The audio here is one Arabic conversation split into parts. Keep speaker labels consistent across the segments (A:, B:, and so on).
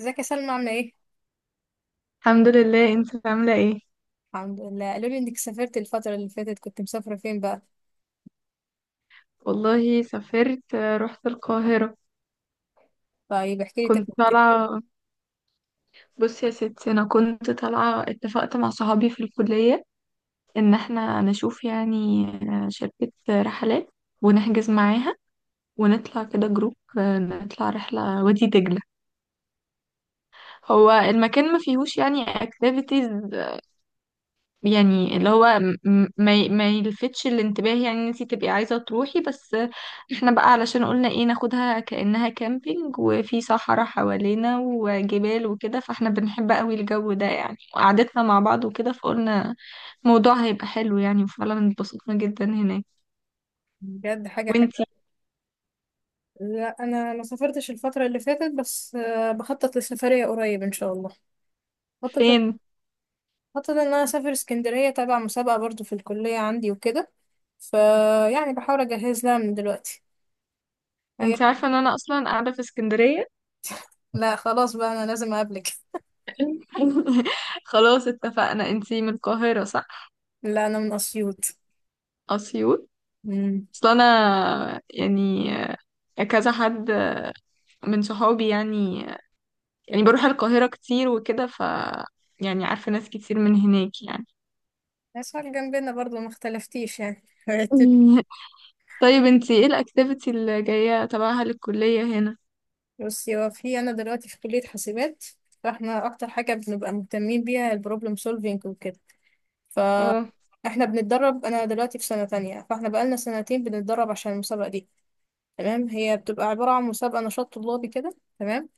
A: ازيك يا سلمى، عاملة ايه؟
B: الحمد لله. انت عاملة ايه؟
A: الحمد لله، قالوا لي انك سافرت الفترة اللي فاتت، كنت مسافرة فين بقى؟
B: والله سافرت رحت القاهرة.
A: طيب احكي لي
B: كنت
A: تجربتك.
B: طالعة. بصي يا ستي انا كنت طالعة، اتفقت مع صحابي في الكلية ان احنا نشوف، يعني شركة رحلات، ونحجز معاها ونطلع كده جروب. نطلع رحلة وادي دجلة. هو المكان ما فيهوش يعني اكتيفيتيز، يعني اللي هو ما يلفتش الانتباه، يعني ان انتي تبقي عايزة تروحي بس. احنا بقى علشان قلنا ايه، ناخدها كأنها كامبينج، وفي صحراء حوالينا وجبال وكده، فاحنا بنحب قوي الجو ده يعني، وقعدتنا مع بعض وكده، فقلنا الموضوع هيبقى حلو يعني، وفعلا اتبسطنا جدا هناك.
A: بجد حاجة حلوة.
B: وانتي؟
A: لا انا ما سافرتش الفترة اللي فاتت، بس بخطط لسفرية قريب ان شاء الله. بخطط
B: فين؟
A: بخطط ان انا اسافر اسكندرية تبع مسابقة برضو في الكلية عندي وكده، فيعني بحاول اجهز لها من دلوقتي. هي...
B: انتي عارفة ان انا اصلا قاعدة في اسكندرية.
A: لا خلاص بقى، انا لازم اقابلك.
B: خلاص، اتفقنا. انتي من القاهرة، صح؟
A: لا انا من اسيوط.
B: اسيوط.
A: امم
B: اصل انا يعني كذا حد من صحابي يعني، يعني بروح القاهرة كتير وكده، ف يعني عارفة ناس كتير من هناك يعني.
A: اسوان جنبنا برضو، ما اختلفتيش يعني.
B: طيب انتي ايه الاكتيفيتي اللي جاية تبعها للكلية هنا؟
A: بصي، هو في انا دلوقتي في كلية حاسبات، فاحنا اكتر حاجة بنبقى مهتمين بيها البروبلم سولفينج وكده.
B: اه.
A: فاحنا بنتدرب، انا دلوقتي في سنة تانية، فاحنا بقالنا سنتين بنتدرب عشان المسابقة دي. تمام، هي بتبقى عبارة عن مسابقة نشاط طلابي كده، تمام.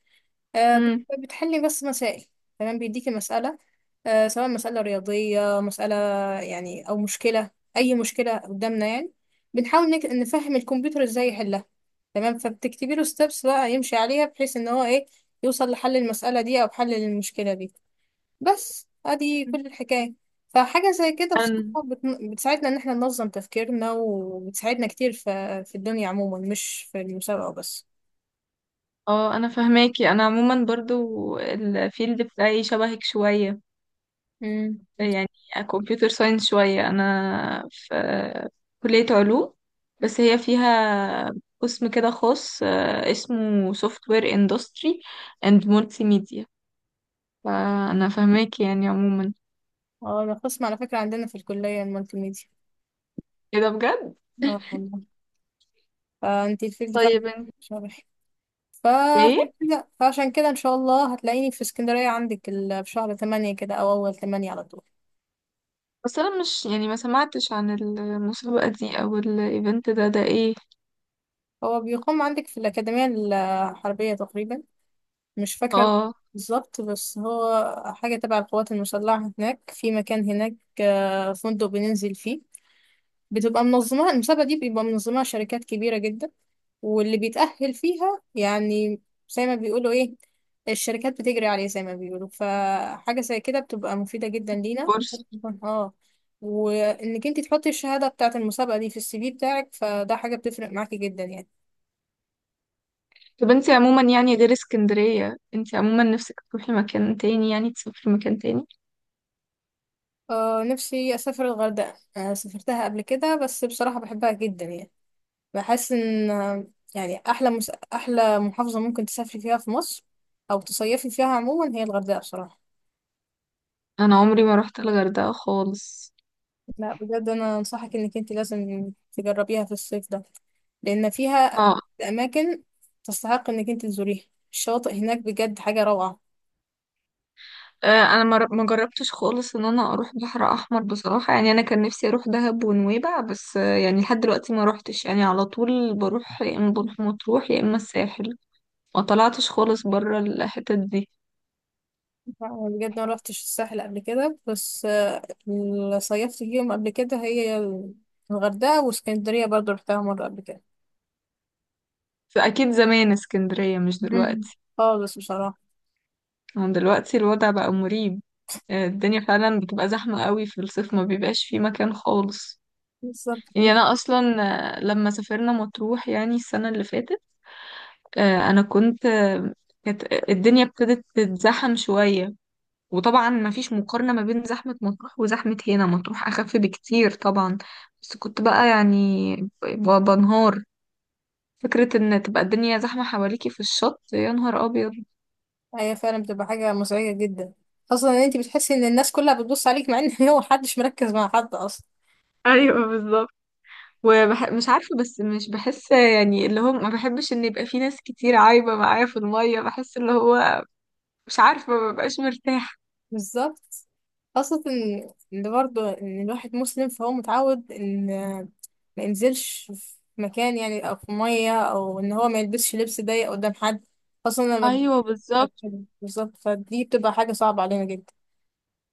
B: امم.
A: بتحلي بس مسائل. تمام، بيديكي مسألة، سواء مسألة رياضية، مسألة يعني أو مشكلة، أي مشكلة قدامنا يعني. بنحاول نفهم الكمبيوتر إزاي يحلها. تمام، فبتكتبي له ستيبس بقى يمشي عليها، بحيث إن هو إيه، يوصل لحل المسألة دي أو حل المشكلة دي. بس أدي كل الحكاية. فحاجة زي كده
B: انا،
A: بصراحة بتساعدنا إن إحنا ننظم تفكيرنا، وبتساعدنا كتير في الدنيا عموما، مش في المسابقة بس.
B: اه انا فهماكي. انا عموما برضو الفيلد بتاعي شبهك شوية، يعني كمبيوتر ساينس شوية. انا في كلية علوم، بس هي فيها قسم كده خاص، اسمه سوفت وير اندستري اند مولتي ميديا. فانا فاهماكي يعني عموما.
A: اه، ده قسم على فكرة عندنا في الكلية، المالتي ميديا.
B: ايه ده، بجد؟
A: اه والله. فانتي الفيلد فعلا.
B: طيب انت،
A: شرح. فعشان
B: ايه
A: كده فعشان كده ان شاء الله هتلاقيني في اسكندرية عندك، في شهر 8 كده او اول 8 على طول.
B: بس انا مش يعني ما سمعتش عن المسابقة دي او الايفنت ده، ده ايه؟
A: هو بيقام عندك في الأكاديمية الحربية تقريبا، مش فاكرة
B: اه.
A: بالظبط، بس هو حاجة تبع القوات المسلحة هناك، في مكان هناك، فندق بننزل فيه. بتبقى منظمة المسابقة دي، بيبقى منظمها شركات كبيرة جدا، واللي بيتأهل فيها يعني، زي ما بيقولوا ايه، الشركات بتجري عليه زي ما بيقولوا. فحاجة زي كده بتبقى مفيدة جدا لينا.
B: كورس.
A: اه. وانك انت تحطي الشهادة بتاعة المسابقة دي في السي في بتاعك، فده حاجة بتفرق معاكي جدا يعني.
B: طب انت عموما يعني غير اسكندرية، انت عموما نفسك تروحي مكان تاني؟ يعني تسافري مكان تاني.
A: اه، نفسي اسافر الغردقة، آه سافرتها قبل كده بس بصراحة بحبها جدا يعني. بحس ان يعني احلى احلى محافظة ممكن تسافري فيها في مصر، او تصيفي فيها عموما، هي الغردقة بصراحة.
B: انا عمري ما رحت الغردقة خالص.
A: لا بجد انا انصحك انك انت لازم تجربيها في الصيف ده، لان فيها
B: اه.
A: اماكن تستحق انك انت تزوريها، الشواطئ هناك بجد حاجه روعه.
B: انا ما جربتش خالص ان انا اروح بحر احمر بصراحة. يعني انا كان نفسي اروح دهب ونويبع، بس يعني لحد دلوقتي ما روحتش يعني. على طول بروح يا اما بروح مطروح يا اما الساحل. ما طلعتش خالص بره الحتت دي.
A: أنا بجد ما روحتش الساحل قبل كده، بس اللي صيفت فيهم قبل كده هي الغردقه واسكندريه، برضو رحتها مره قبل كده.
B: فأكيد زمان اسكندرية، مش
A: مم.
B: دلوقتي.
A: خالص بصراحه.
B: هم دلوقتي الوضع بقى مريب. الدنيا فعلا بتبقى زحمة قوي في الصيف، ما بيبقاش فيه مكان خالص.
A: بالظبط،
B: يعني أنا أصلا، لما سافرنا مطروح يعني السنة اللي فاتت، آه، أنا كنت آه، كانت آه، الدنيا ابتدت تتزحم شوية. وطبعا ما فيش مقارنة ما بين زحمة مطروح وزحمة هنا، مطروح أخف بكتير طبعا. بس كنت بقى يعني بنهار، فكرة ان تبقى الدنيا زحمة حواليكي في الشط، يا نهار ابيض.
A: هي فعلا بتبقى حاجه مزعجه جدا، خاصه ان انت بتحسي ان الناس كلها بتبص عليك، مع ان هو محدش مركز مع حد اصلا.
B: ايوه، بالظبط. مش عارفة، بس مش بحس يعني اللي هو ما بحبش ان يبقى في ناس كتير عايبة معايا في المية. بحس اللي هو مش عارفة، ما ببقاش مرتاحة.
A: بالظبط، خاصة إن برضه إن الواحد مسلم فهو متعود إن ما ينزلش في مكان يعني، أو في مية، أو إن هو ما يلبسش لبس ضيق قدام حد، خاصة لما
B: ايوه، بالظبط.
A: بالظبط، فدي بتبقى حاجة صعبة علينا جدا،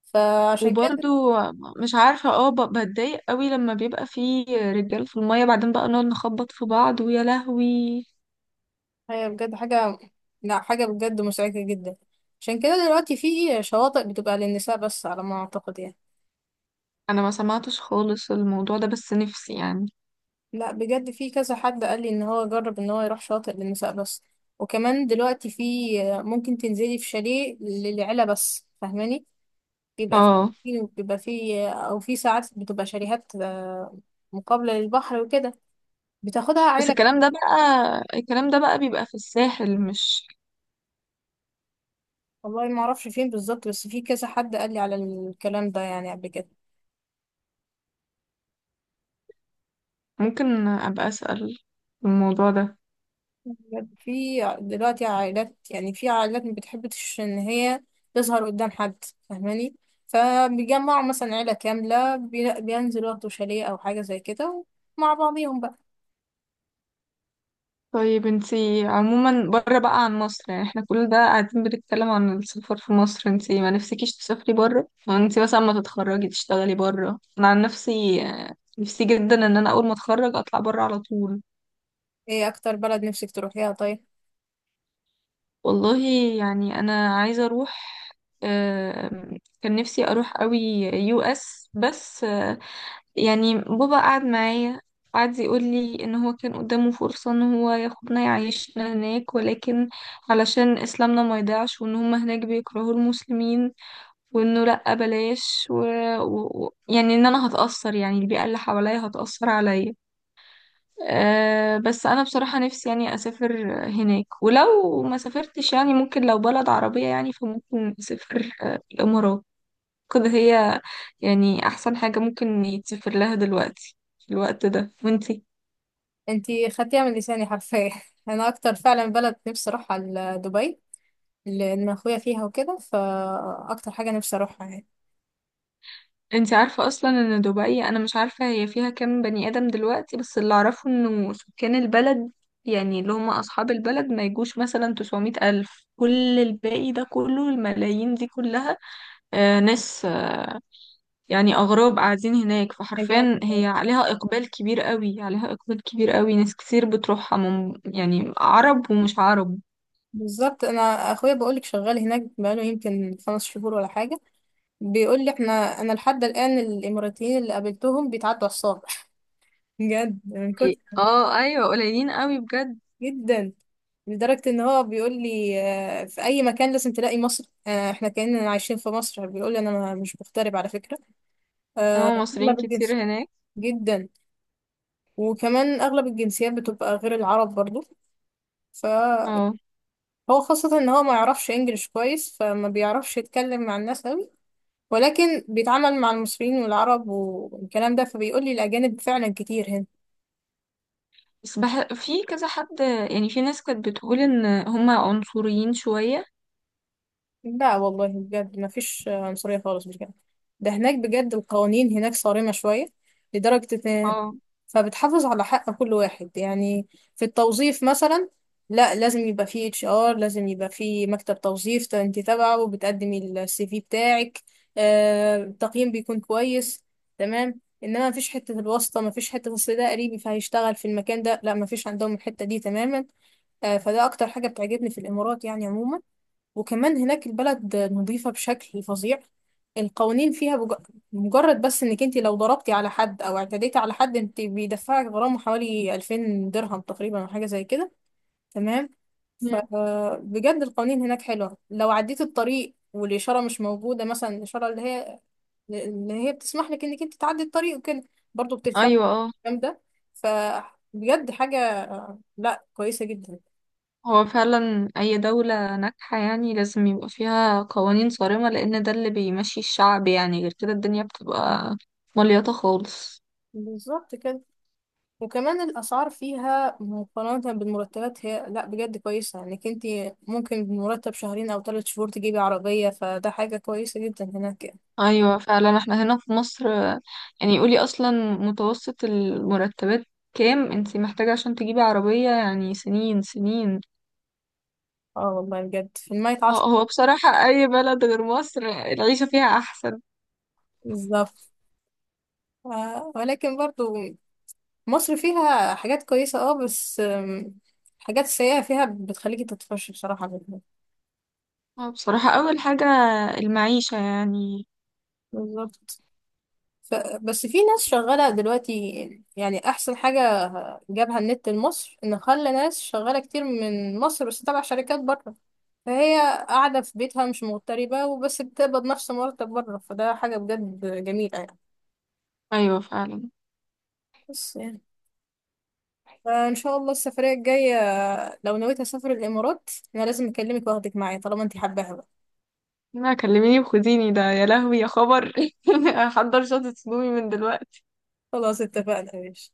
A: فعشان كده.
B: وبرضو مش عارفه، اه بتضايق قوي لما بيبقى في رجال في الميه، بعدين بقى نقعد نخبط في بعض، ويا لهوي.
A: هي بجد حاجة، لا حاجة بجد مزعجة جدا، عشان كده دلوقتي في شواطئ بتبقى للنساء بس على ما أعتقد يعني.
B: انا ما سمعتش خالص الموضوع ده، بس نفسي يعني.
A: لا بجد في كذا حد قال لي ان هو جرب ان هو يروح شاطئ للنساء بس، وكمان دلوقتي في، ممكن تنزلي في شاليه للعيلة بس، فاهماني؟ بيبقى في،
B: اه.
A: بيبقى في او في ساعات بتبقى شاليهات، مقابلة للبحر وكده، بتاخدها
B: بس
A: عيلة
B: الكلام
A: كاملة.
B: ده بقى، الكلام ده بقى بيبقى في الساحل، مش
A: والله ما اعرفش فين بالظبط، بس في كذا حد قال لي على الكلام ده يعني قبل كده.
B: ممكن أبقى أسأل في الموضوع ده.
A: بجد في دلوقتي عائلات، يعني في عائلات ما بتحبش ان هي تظهر قدام حد، فاهماني؟ فبيجمعوا مثلا عيلة كاملة، بينزلوا ياخدوا شاليه او حاجة زي كده مع بعضيهم بقى.
B: طيب انتي عموما بره بقى عن مصر، يعني احنا كل ده قاعدين بنتكلم عن السفر في مصر، انتي ما نفسكيش تسافري بره؟ انتي مثلا ما تتخرجي تشتغلي بره؟ انا عن نفسي نفسي جدا ان انا اول ما اتخرج اطلع بره على طول.
A: ايه اكتر بلد نفسك تروحيها طيب؟
B: والله، يعني انا عايزه اروح، كان نفسي اروح قوي يو اس، بس يعني بابا قعد معايا قعد يقول لي ان هو كان قدامه فرصه ان هو ياخدنا يعيشنا هناك، ولكن علشان اسلامنا ما يضيعش، وان هم هناك بيكرهوا المسلمين، وانه لا بلاش يعني ان انا هتاثر، يعني البيئه اللي حواليا هتاثر عليا. أه، بس انا بصراحة نفسي يعني اسافر هناك. ولو ما سافرتش، يعني ممكن لو بلد عربية، يعني فممكن اسافر الامارات. كده هي يعني احسن حاجة ممكن يتسافر لها دلوقتي في الوقت ده. وانتي؟
A: انتي خدتيها من لساني حرفيا. انا اكتر فعلا بلد نفسي اروحها دبي، لان اخويا فيها وكده، فاكتر حاجة نفسي اروحها يعني.
B: انتي عارفة اصلا ان دبي، انا مش عارفة هي فيها كام بني ادم دلوقتي، بس اللي اعرفه انه سكان البلد يعني اللي هم اصحاب البلد ما يجوش مثلا 900 الف، كل الباقي ده كله الملايين دي كلها ناس يعني أغراب قاعدين هناك.
A: أجانب.
B: فحرفيا هي عليها إقبال كبير قوي، عليها إقبال كبير قوي، ناس كتير بتروحها من يعني عرب ومش عرب.
A: بالظبط، انا اخويا بقولك شغال هناك بقاله يمكن 5 شهور ولا حاجة، بيقول لي احنا، انا لحد الان الاماراتيين اللي قابلتهم بيتعدوا على الصابع. بجد من كتر،
B: اه ايوه، قليلين قوي بجد.
A: جدا، لدرجة ان هو بيقول لي في اي مكان لازم تلاقي مصر، احنا كأننا عايشين في مصر، بيقول لي انا مش مغترب على فكرة. آه،
B: اه مصريين
A: اغلب
B: كتير
A: الجنس،
B: هناك.
A: جدا، وكمان اغلب الجنسيات بتبقى غير العرب برضو. فهو
B: اه
A: خاصة ان هو ما يعرفش انجليش كويس، فما بيعرفش يتكلم مع الناس قوي، ولكن بيتعامل مع المصريين والعرب والكلام ده، فبيقول لي الاجانب فعلا كتير هنا.
B: بس في كذا حد يعني، في ناس كانت بتقول إن هما عنصريين شوية.
A: لا والله بجد ما فيش عنصرية خالص بجد، ده هناك بجد القوانين هناك صارمة شوية، لدرجة إن
B: اه.
A: فبتحافظ على حق كل واحد يعني، في التوظيف مثلا، لا لازم يبقى فيه HR، لازم يبقى فيه مكتب توظيف، انت تبعه وبتقدمي السي في بتاعك، التقييم بيكون كويس، تمام، انما مفيش حتة الواسطة، مفيش حتة اصل ده قريبي فهيشتغل في المكان ده، لا مفيش عندهم الحتة دي تماما. فده اكتر حاجة بتعجبني في الامارات يعني عموما، وكمان هناك البلد نظيفة بشكل فظيع، القوانين فيها مجرد بس انك انت لو ضربتي على حد او اعتديتي على حد، انت بيدفعك غرامة حوالي 2000 درهم تقريبا او حاجة زي كده، تمام.
B: مم.
A: فبجد القوانين هناك حلوة، لو عديت الطريق والإشارة مش موجودة مثلا، الإشارة اللي هي بتسمح لك انك انت تعدي الطريق وكده، برضه بتدفع
B: أيوة اه.
A: الكلام ده. فبجد حاجة، لا كويسة جدا.
B: هو فعلا أي دولة ناجحة يعني لازم يبقى فيها قوانين صارمة، لأن ده اللي بيمشي الشعب يعني. غير كده الدنيا بتبقى مليطة خالص.
A: بالظبط كده. وكمان الأسعار فيها مقارنة بالمرتبات، هي لأ بجد كويسة، إنك انتي ممكن بمرتب شهرين أو 3 شهور تجيبي عربية، فده حاجة كويسة جدا هناك يعني.
B: ايوه، فعلا. احنا هنا في مصر يعني قولي اصلا متوسط المرتبات كام انتي محتاجة عشان تجيبي عربية؟ يعني سنين سنين.
A: اه والله بجد في المية
B: هو،
A: عشرة
B: هو بصراحة اي بلد غير مصر العيشة فيها احسن.
A: بالظبط. آه ولكن برضو مصر فيها حاجات كويسة، اه بس الحاجات السيئة فيها بتخليكي تطفشي بصراحة منها.
B: هو بصراحة اول حاجة المعيشة يعني.
A: بالظبط. ف... بس في ناس شغالة دلوقتي، يعني أحسن حاجة جابها النت لمصر إن خلى ناس شغالة كتير من مصر بس تبع شركات بره، فهي قاعدة في بيتها مش مغتربة، وبس بتقبض نفس مرتب بره، فده حاجة بجد جميلة يعني.
B: ايوه، فعلا.
A: بس يعني فإن شاء الله السفرية الجاية، لو نويت أسافر الإمارات، أنا لازم أكلمك وأخدك معايا طالما أنت حباها بقى.
B: ما كلميني وخديني ده، يا لهوي يا خبر. هحضر شنطة هدومي من دلوقتي.
A: خلاص اتفقنا يا باشا.